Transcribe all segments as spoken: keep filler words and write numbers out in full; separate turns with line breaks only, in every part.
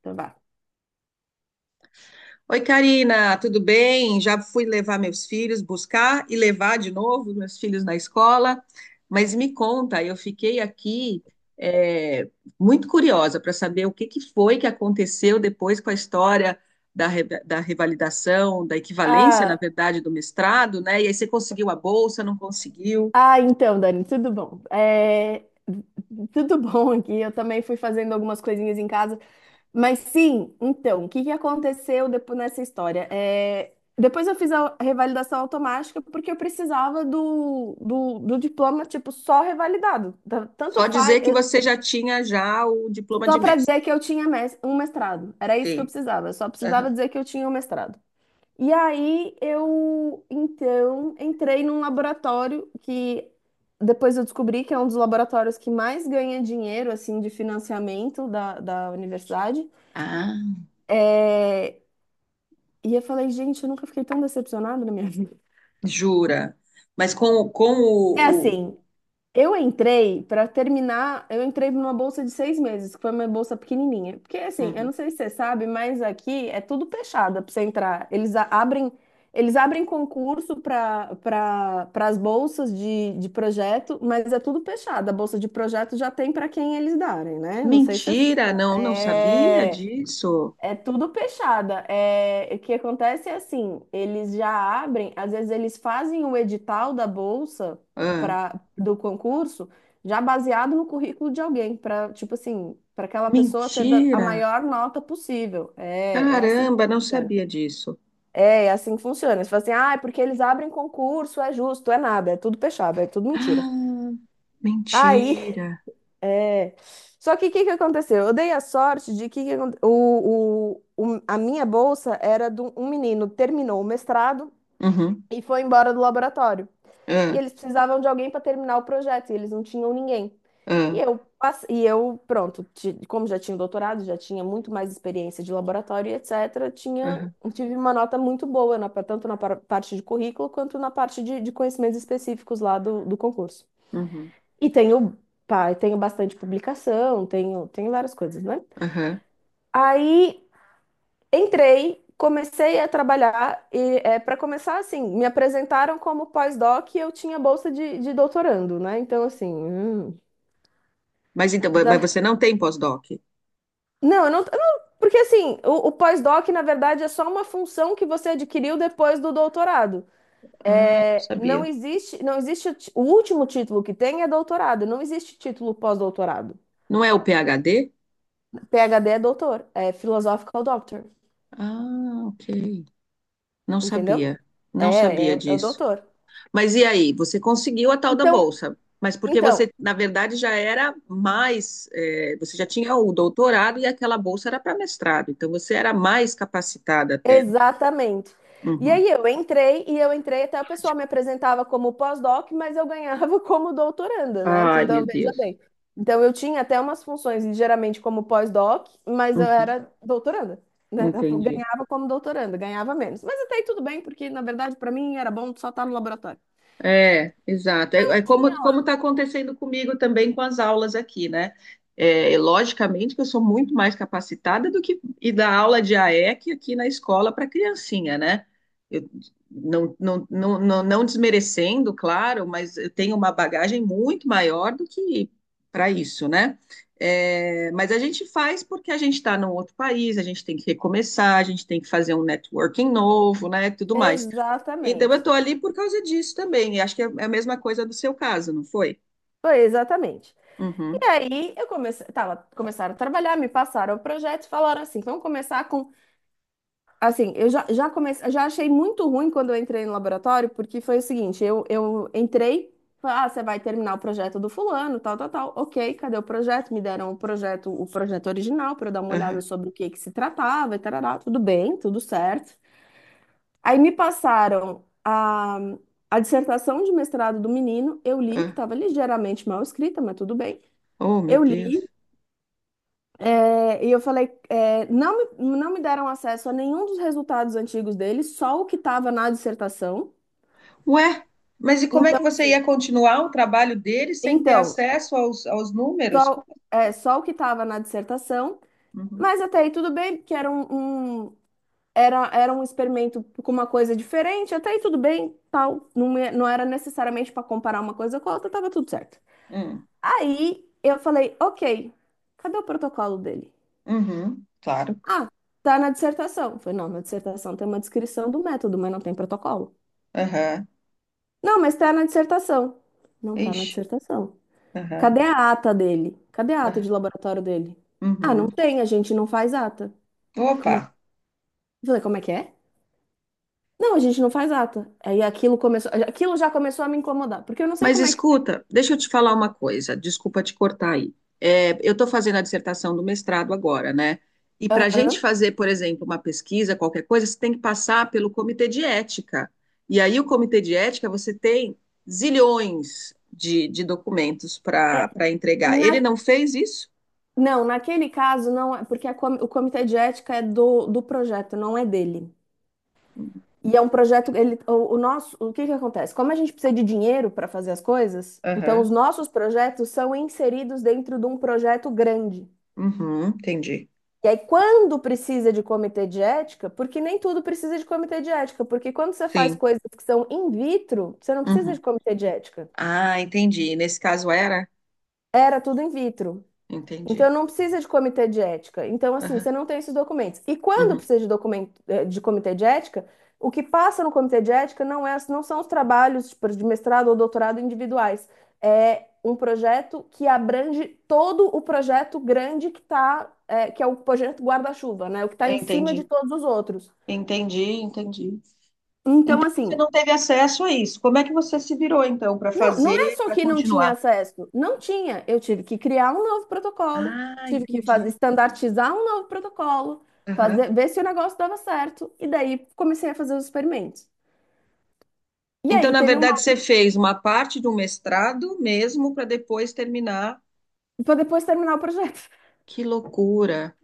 Então vá.
Oi, Karina, tudo bem? Já fui levar meus filhos, buscar e levar de novo meus filhos na escola. Mas me conta, eu fiquei aqui é, muito curiosa para saber o que que foi que aconteceu depois com a história da, re- da revalidação, da equivalência, na
Ah,
verdade, do mestrado, né? E aí você conseguiu a bolsa, não conseguiu?
ah, então, Dani, tudo bom? É, tudo bom aqui. Eu também fui fazendo algumas coisinhas em casa. Mas sim, então, o que que aconteceu depois nessa história? É, depois eu fiz a revalidação automática porque eu precisava do, do, do diploma, tipo, só revalidado. Tá- Tanto
Só
faz,
dizer que
eu-
você já tinha já o diploma
só
de
para
mestre.
dizer que eu tinha mes- um mestrado. Era isso que eu
Sim.
precisava. Eu só precisava
Aham.
dizer que eu tinha um mestrado. E aí eu então entrei num laboratório que depois eu descobri que é um dos laboratórios que mais ganha dinheiro assim de financiamento da, da universidade.
Ah,
É, E eu falei, gente, eu nunca fiquei tão decepcionada na minha vida.
jura? Mas com, com
É
o, o...
assim, eu entrei para terminar, eu entrei numa bolsa de seis meses, que foi uma bolsa pequenininha. Porque assim, eu
Uhum.
não sei se você sabe, mas aqui é tudo fechado para você entrar. Eles a- abrem, eles abrem concurso para para as bolsas de, de projeto, mas é tudo fechado. A bolsa de projeto já tem para quem eles darem, né? Não sei se você
Mentira, não, não sabia disso.
é tudo fechada. É, o que acontece é assim, eles já abrem, às vezes eles fazem o edital da bolsa
Ah,
para do concurso já baseado no currículo de alguém, para tipo assim, para aquela pessoa ter da- a
mentira.
maior nota possível. É, é assim que
Caramba, não
funciona.
sabia disso.
É, é assim que funciona. Você fala assim, ah, é porque eles abrem concurso, é justo, é nada, é tudo fechado, é tudo mentira.
Ah,
Aí
mentira.
É. Só que o que que aconteceu? Eu dei a sorte de que que aconte- o, o, o- a minha bolsa era de um um menino que terminou o mestrado
Uhum.
e foi embora do laboratório. E
Ah,
eles precisavam de alguém para terminar o projeto, e eles não tinham ninguém. E
ah,
eu, passe- e eu pronto, ti- como já tinha doutorado, já tinha muito mais experiência de laboratório, etcétera, tinha,
aham,
tive uma nota muito boa, na, tanto na par- parte de currículo quanto na parte de, de conhecimentos específicos lá do, do concurso.
uhum,
E tenho, pá, eu tenho bastante publicação, tenho, tenho várias coisas, né?
aham.
Aí entrei, comecei a trabalhar e é, para começar assim, me apresentaram como pós-doc e eu tinha bolsa de, de doutorando, né? Então assim, hum,
Mas então, mas
já
você não tem pós-doc?
não, eu não, eu não- porque assim, o, o pós-doc na verdade é só uma função que você adquiriu depois do doutorado.
Ah, não
É, não
sabia.
existe, não existe o ti- o último título que tem é doutorado, não existe título pós-doutorado.
Não é o PhD?
PhD é doutor, é philosophical doctor.
Ah, ok. Não
Entendeu?
sabia.
É,
Não sabia
é, é o
disso.
doutor.
Mas e aí? Você conseguiu a tal da
Então,
bolsa, mas porque
então,
você, na verdade, já era mais, eh, você já tinha o doutorado e aquela bolsa era para mestrado, então você era mais capacitada até.
exatamente. E
Uhum.
aí eu entrei, e eu entrei até o pessoal me apresentava como pós-doc, mas eu ganhava como doutoranda, né?
Ai, meu
Então, veja
Deus.
bem. Então, eu tinha até umas funções, ligeiramente como pós-doc, mas eu
Uhum.
era doutoranda, né? Eu
Entendi.
ganhava como doutoranda, ganhava menos. Mas até aí tudo bem, porque na verdade para mim era bom só estar no laboratório.
É, exato. É, é como
Tinha
como
lá.
está acontecendo comigo também com as aulas aqui, né? É, logicamente que eu sou muito mais capacitada do que ir dar aula de A E C aqui na escola para criancinha, né? Eu, não, não, não, não, não desmerecendo, claro, mas eu tenho uma bagagem muito maior do que para isso, né? É, mas a gente faz porque a gente está num outro país, a gente tem que recomeçar, a gente tem que fazer um networking novo, né? Tudo mais. Então, eu
Exatamente.
estou ali por causa disso também. E acho que é é a mesma coisa do seu caso, não foi?
Foi exatamente.
Uhum,
E aí eu comecei, tava, começaram a trabalhar, me passaram o projeto e falaram assim, vamos começar com, assim, eu já, já comecei, já achei muito ruim quando eu entrei no laboratório, porque foi o seguinte, eu, eu entrei, falei, ah, você vai terminar o projeto do fulano, tal, tal, tal, ok, cadê o projeto? Me deram o projeto, o projeto original para eu dar uma olhada
aham,
sobre o que que se tratava, e tarará, tudo bem, tudo certo. Aí me passaram a, a dissertação de mestrado do menino, eu li, que
ah.
estava ligeiramente mal escrita, mas tudo bem.
Oh, meu
Eu li.
Deus.
É, e eu falei, é, não me, Não me deram acesso a nenhum dos resultados antigos dele, só o que estava na dissertação.
Ué, mas e como é
Então,
que você
assim,
ia continuar o trabalho dele sem ter
então,
acesso aos, aos números? Como-
só,
é?
é, só o que estava na dissertação,
Uhum,
mas até aí tudo bem, porque era um, um- era, era um experimento com uma coisa diferente, até aí tudo bem, tal, não, é- não era necessariamente para comparar uma coisa com a outra, estava tudo certo.
hum,
Aí eu falei, ok, cadê o protocolo dele?
uhum, claro.
Ah, tá na dissertação. Eu falei, não, na dissertação tem uma descrição do método, mas não tem protocolo.
Aham,
Não, mas tá na dissertação. Não tá na
Ixi,
dissertação.
aham,
Cadê a ata dele? Cadê a ata de
aham,
laboratório dele? Ah, não
uhum.
tem, a gente não faz ata. Como é...
Opa.
Eu falei, como é que é? Não, a gente não faz ata. Aí aquilo começou, aquilo já começou a me incomodar, porque eu não sei
Mas
como é que.
escuta, deixa eu te falar uma coisa, desculpa te cortar aí. É, eu estou fazendo a dissertação do mestrado agora, né? E para a
Ah,
gente
hã?
fazer, por exemplo, uma pesquisa, qualquer coisa, você tem que passar pelo comitê de ética. E aí, o comitê de ética, você tem zilhões de, de documentos para para entregar. Ele
Na-
não fez isso?
Não, naquele caso não é, porque a com- o comitê de ética é do, do projeto, não é dele. E é um projeto, ele, o, o nosso, o que que acontece? Como a gente precisa de dinheiro para fazer as coisas, então os
Aham,
nossos projetos são inseridos dentro de um projeto grande.
Uhum, entendi.
E aí, quando precisa de comitê de ética, porque nem tudo precisa de comitê de ética, porque quando você faz
Sim.
coisas que são in vitro, você não precisa
Uhum.
de comitê de ética.
Ah, entendi. Nesse caso era?
Era tudo in vitro. Então
Entendi.
não precisa de comitê de ética. Então, assim,
Aham,
você não tem esses documentos. E quando
uhum.
precisa de documento, eh, de comitê de ética, o que passa no comitê de ética não é, não são os trabalhos, tipo, de mestrado ou doutorado individuais. É um projeto que abrange todo o projeto grande que tá, eh, que é o projeto guarda-chuva, né? O que está em cima de
Entendi,
todos os outros.
entendi, entendi.
Então,
Então você
assim,
não teve acesso a isso. Como é que você se virou então para
não, não é
fazer,
só
para
que não tinha
continuar?
acesso. Não tinha. Eu tive que criar um novo protocolo,
Ah,
tive que fazer,
entendi.
estandartizar um novo protocolo,
Aham.
fazer, ver se o negócio dava certo. E daí comecei a fazer os experimentos. E
Então,
aí
na
teve uma.
verdade, você fez uma parte de um mestrado mesmo para depois terminar.
Para depois terminar o projeto.
Que loucura!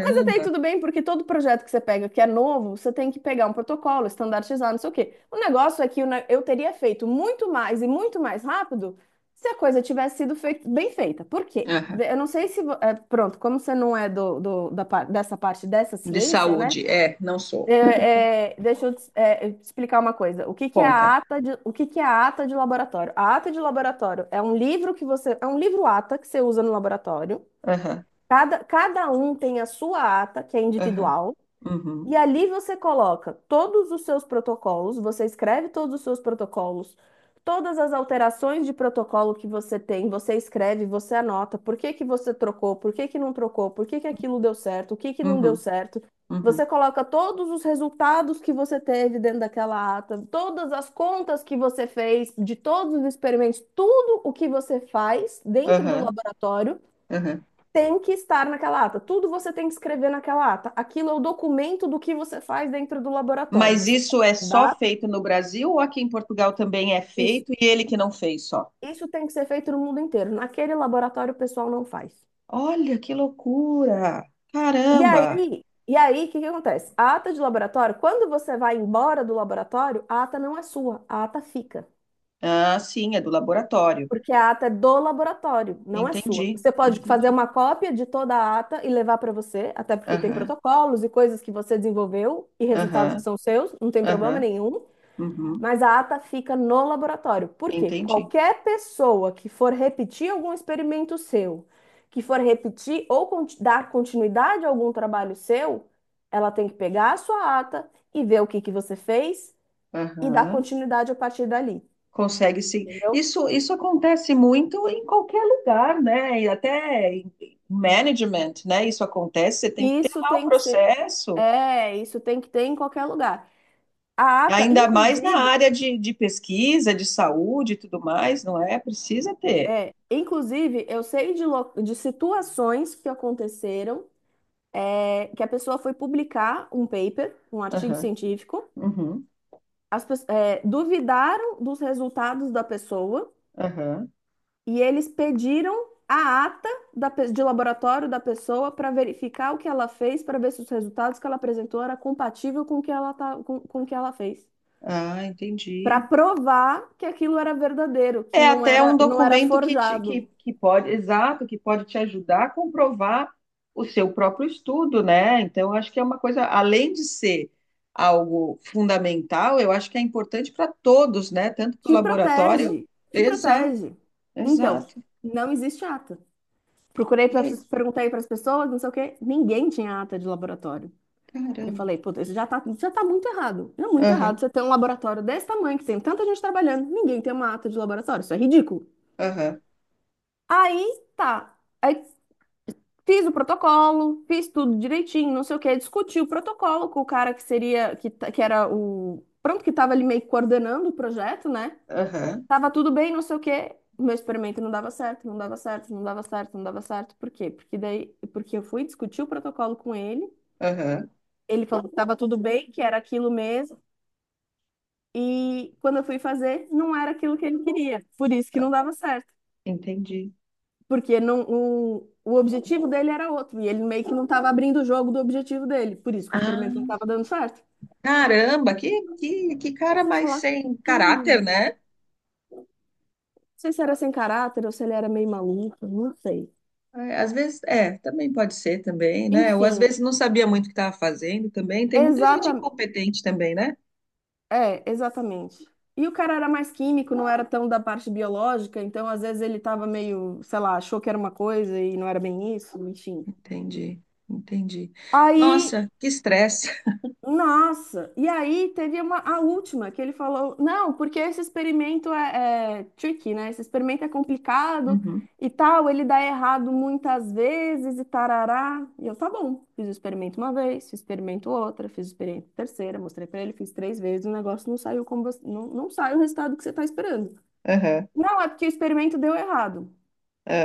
Mas até aí tudo bem, porque todo projeto que você pega que é novo, você tem que pegar um protocolo, estandardizar, não sei o quê. O negócio é que eu ne- eu teria feito muito mais e muito mais rápido se a coisa tivesse sido fei- bem feita. Por quê?
Aham.
Eu não sei se. vo- é, pronto, como você não é do, do- da, par- dessa parte dessa
De
ciência, né?
saúde. É, não sou.
É, é, deixa eu te- é, Te explicar uma coisa. O que que é a
Conta.
ata de, o que que é a ata de laboratório? A ata de laboratório é um livro que você. É um livro ata que você usa no laboratório.
Aham,
Cada, cada um tem a sua ata, que é
aham,
individual,
uhum,
e ali você coloca todos os seus protocolos, você escreve todos os seus protocolos, todas as alterações de protocolo que você tem, você escreve, você anota por que que você trocou, por que que não trocou, por que que aquilo deu certo, o que que não deu
uhum,
certo.
uhum,
Você coloca todos os resultados que você teve dentro daquela ata, todas as contas que você fez, de todos os experimentos, tudo o que você faz dentro do
aham,
laboratório
aham.
tem que estar naquela ata. Tudo você tem que escrever naquela ata. Aquilo é o documento do que você faz dentro do laboratório.
Mas
Você
isso é só
dá
feito no Brasil ou aqui em Portugal também é
isso.
feito e ele que não fez só?
Isso tem que ser feito no mundo inteiro. Naquele laboratório o pessoal não faz.
Olha que loucura!
E aí,
Caramba!
e aí, o que que acontece? A ata de laboratório, quando você vai embora do laboratório, a ata não é sua, a ata fica.
Ah, sim, é do laboratório.
Porque a ata é do laboratório, não é sua.
Entendi,
Você pode fazer
entendi.
uma cópia de toda a ata e levar para você, até porque tem
Aham,
protocolos e coisas que você desenvolveu e resultados que
aham,
são seus, não tem problema
aham,
nenhum.
uhum,
Mas a ata fica no laboratório. Por quê?
entendi.
Qualquer pessoa que for repetir algum experimento seu, que for repetir ou conti- dar continuidade a algum trabalho seu, ela tem que pegar a sua ata e ver o que que você fez e dar
Aham.
continuidade a partir dali.
Consegue sim.
Entendeu?
Isso, isso acontece muito em qualquer lugar, né? E até em em management, né? Isso acontece, você tem que ter
Isso
lá o
tem que ser,
processo,
é, isso tem que ter em qualquer lugar. A ata,
ainda mais na
inclusive,
área de, de pesquisa, de saúde e tudo mais, não é? Precisa ter.
é, Inclusive, eu sei de, lo- de situações que aconteceram é, que a pessoa foi publicar um paper, um artigo
Aham,
científico,
uhum,
as, pe- é, duvidaram dos resultados da pessoa
aham.
e eles pediram a ata da de laboratório da pessoa para verificar o que ela fez, para ver se os resultados que ela apresentou era compatível com o que ela, tá, com, com o que ela fez.
Ah,
Para
entendi.
provar que aquilo era verdadeiro, que
É
não
até um
era, não era
documento que, te- que,
forjado.
que pode, exato, que pode te ajudar a comprovar o seu próprio estudo, né? Então, eu acho que é uma coisa, além de ser algo fundamental, eu acho que é importante para todos, né? Tanto para o
Te
laboratório.
protege, te
Exato,
protege. Então,
exato.
não existe ata. Procurei
E
para
aí,
perguntei para as pessoas, não sei o quê, ninguém tinha ata de laboratório. Eu
caramba.
falei, puta, isso já tá, já tá muito errado. É muito errado
Aham,
você ter um laboratório desse tamanho, que tem tanta gente trabalhando, ninguém tem uma ata de laboratório, isso é ridículo.
aham,
Aí tá. Aí fiz o protocolo, fiz tudo direitinho, não sei o quê, discuti o protocolo com o cara que seria, que, ta- que era o, pronto, que estava ali meio que coordenando o projeto, né?
aham,
Tava tudo bem, não sei o quê. O Meu experimento não dava certo, não dava certo, não dava certo, não dava certo. Por quê? Porque daí, porque eu fui discutir o protocolo com ele.
aham.
Ele falou que tava tudo bem, que era aquilo mesmo. E quando eu fui fazer, não era aquilo que ele queria. Por isso que não dava certo.
Entendi.
Porque não, o, O objetivo dele era outro. E ele meio que não tava abrindo o jogo do objetivo dele. Por isso que o experimento não
Ah,
estava dando certo.
caramba, que, que, que
Aí
cara
você vai
mais
falar,
sem
cara,
caráter,
não
né?
sei se era sem caráter ou se ele era meio maluco, não sei.
É, às vezes, é, também pode ser também, né? Ou às vezes
Enfim,
não sabia muito o que estava fazendo também. Tem muita gente
exatamente.
incompetente também, né?
É, exatamente. E o cara era mais químico, não era tão da parte biológica, então às vezes ele tava meio, sei lá, achou que era uma coisa e não era bem isso, enfim.
Entendi, entendi.
Aí
Nossa, que estresse.
nossa! E aí teve uma, a última que ele falou, não, porque esse experimento é, é tricky, né? Esse experimento é complicado
Uhum.
e tal, ele dá errado muitas vezes e tarará. E eu, tá bom, fiz o experimento uma vez, fiz o experimento outra, fiz o experimento terceira, mostrei pra ele, fiz três vezes, o negócio não saiu como você, não, não sai o resultado que você tá esperando.
Aham,
Não, é porque o experimento deu errado.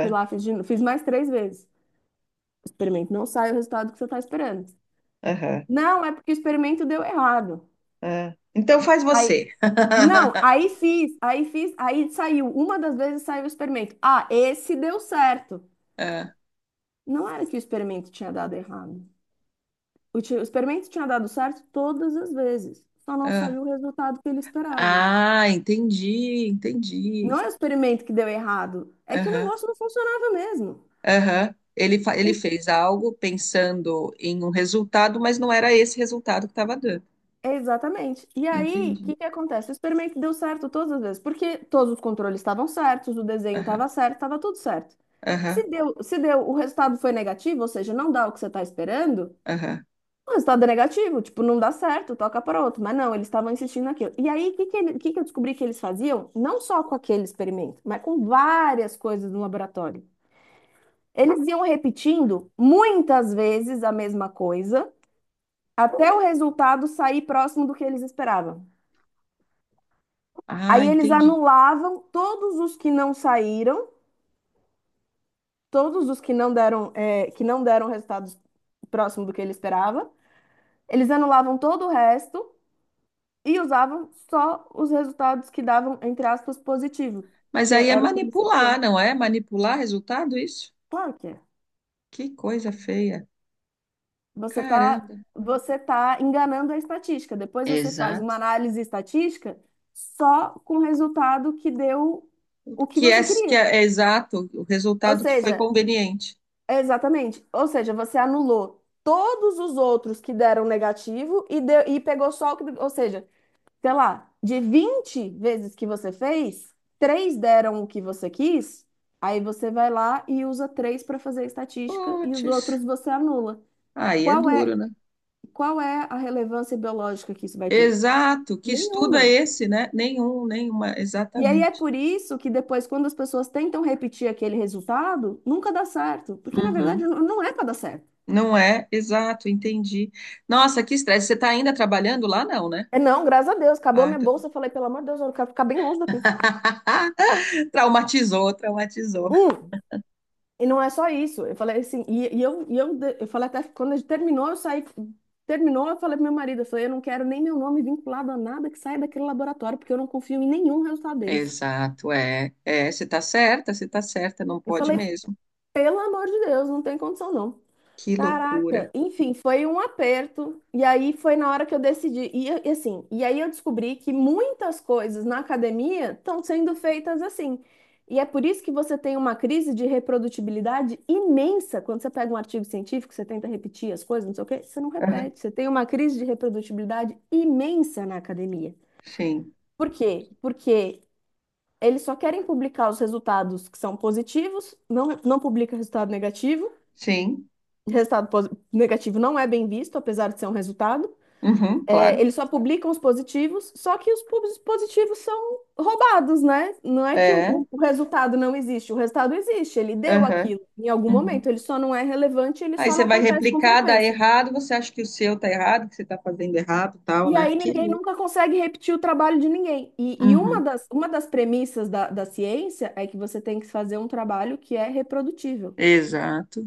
Fui lá, fiz, de novo, fiz mais três vezes. O experimento não sai o resultado que você tá esperando.
aham,
Não, é porque o experimento deu errado.
ah. Então faz você.
Não, aí fiz, aí fiz, aí saiu. Uma das vezes saiu o experimento. Ah, esse deu certo.
Ah,
Não era que o experimento tinha dado errado. O, ti- o experimento tinha dado certo todas as vezes. Só não
ah.
saiu o resultado que ele esperava.
Ah, entendi, entendi.
Não é o experimento que deu errado, é que o
Aham,
negócio não funcionava mesmo.
aham. Ele, fa- ele fez algo pensando em um resultado, mas não era esse resultado que estava dando.
Exatamente. E aí, o
Entendi.
que que acontece? O experimento deu certo todas as vezes, porque todos os controles estavam certos, o desenho
Aham,
estava certo, estava tudo certo.
aham,
Se deu, se deu, o resultado foi negativo, ou seja, não dá o que você está esperando.
aham.
Ah, o resultado é negativo, tipo, não dá certo, toca para outro. Mas não, eles estavam insistindo naquilo. E aí, o que que, ele- o que que eu descobri que eles faziam? Não só com aquele experimento, mas com várias coisas no laboratório. Eles iam repetindo muitas vezes a mesma coisa, até o resultado sair próximo do que eles esperavam.
Ah,
Aí eles
entendi.
anulavam todos os que não saíram, todos os que não deram, eh, que não deram resultados próximo do que ele esperava. Eles anulavam todo o resto e usavam só os resultados que davam, entre aspas, positivo,
Mas
que
aí é
era o que eles
manipular,
queriam.
não é? Manipular resultado, isso?
Claro que é.
Que coisa feia.
Você tá,
Caramba.
você tá enganando a estatística. Depois você faz uma
Exato.
análise estatística só com o resultado que deu o que
Que é,
você
que
queria.
é, é exato o
Ou
resultado que foi
seja,
conveniente.
exatamente. Ou seja, você anulou todos os outros que deram negativo e, deu, e pegou só o que. Ou seja, sei lá, de vinte vezes que você fez, três deram o que você quis, aí você vai lá e usa três para fazer a estatística e os
Puts,
outros você anula.
aí é
Qual
duro,
é,
né?
qual é a relevância biológica que isso vai ter?
Exato. Que estudo é
Nenhuma.
esse, né? Nenhum, nenhuma,
E aí é
exatamente.
por isso que depois, quando as pessoas tentam repetir aquele resultado, nunca dá certo. Porque, na verdade,
Uhum.
não não é para dar certo.
Não é? Exato, entendi. Nossa, que estresse. Você está ainda trabalhando lá? Não, né?
É não, graças a Deus, acabou
Ah,
minha
então...
bolsa. Eu falei, pelo amor de Deus, eu quero ficar bem longe daqui.
traumatizou, traumatizou.
Hum, E não é só isso. Eu falei assim, e, e eu, e eu, de- eu falei até que quando a gente terminou, eu saí, terminou, eu falei pro meu marido, eu falei, eu não quero nem meu nome vinculado a nada que saia daquele laboratório, porque eu não confio em nenhum resultado deles.
Exato, é. É, você tá certa, você tá certa, não
Eu
pode
falei,
mesmo.
pelo amor de Deus, não tem condição não.
Que loucura.
Caraca, enfim, foi um aperto. E aí foi na hora que eu decidi. E, e assim, e aí eu descobri que muitas coisas na academia estão sendo feitas assim. E é por isso que você tem uma crise de reprodutibilidade imensa. Quando você pega um artigo científico, você tenta repetir as coisas, não sei o quê, você não
Aham,
repete. Você tem uma crise de reprodutibilidade imensa na academia.
Sim,
Por quê? Porque eles só querem publicar os resultados que são positivos, não, não publica resultado negativo.
sim,
Resultado posi- negativo não é bem visto, apesar de ser um resultado.
uhum,
É,
claro.
eles só publicam os positivos, só que os pubs- positivos são roubados, né? Não é que o,
É,
o- o resultado não existe, o resultado existe, ele deu
aham,
aquilo em algum momento,
uhum.
ele só não é relevante, ele
Aí
só
você
não
vai
acontece com
replicar, dá
frequência.
errado, você acha que o seu tá errado, que você tá fazendo errado, tal,
E
né?
aí
Que
ninguém
louco.
nunca consegue repetir o trabalho de ninguém. E, e uma
Uhum.
das, uma das premissas da, da ciência é que você tem que fazer um trabalho que é reprodutível.
Exato,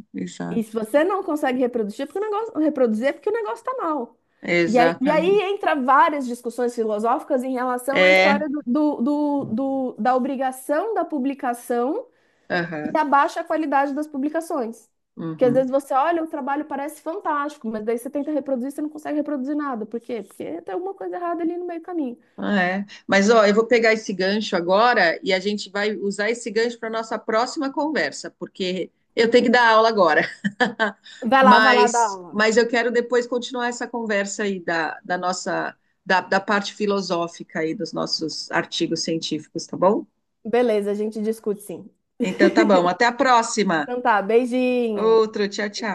E se
exato,
você não consegue reproduzir, é porque o negócio, reproduzir é porque o negócio está mal. E aí, e aí
exatamente.
entra várias discussões filosóficas em relação à
É,
história do, do- do- do- da obrigação da publicação e
aham,
a baixa qualidade das publicações. Porque às vezes
uhum.
você olha, o trabalho parece fantástico, mas daí você tenta reproduzir, você não consegue reproduzir nada. Por quê? Porque tem alguma coisa errada ali no meio do caminho.
Ah, é. Mas ó, eu vou pegar esse gancho agora e a gente vai usar esse gancho para nossa próxima conversa, porque eu tenho que dar aula agora.
Vai lá, vai lá dar
Mas,
aula.
mas eu quero depois continuar essa conversa aí da, da nossa, da, da parte filosófica aí dos nossos artigos científicos, tá bom?
Beleza, a gente discute sim.
Então tá bom, até a próxima.
Então tá, beijinho.
Outro, tchau, tchau.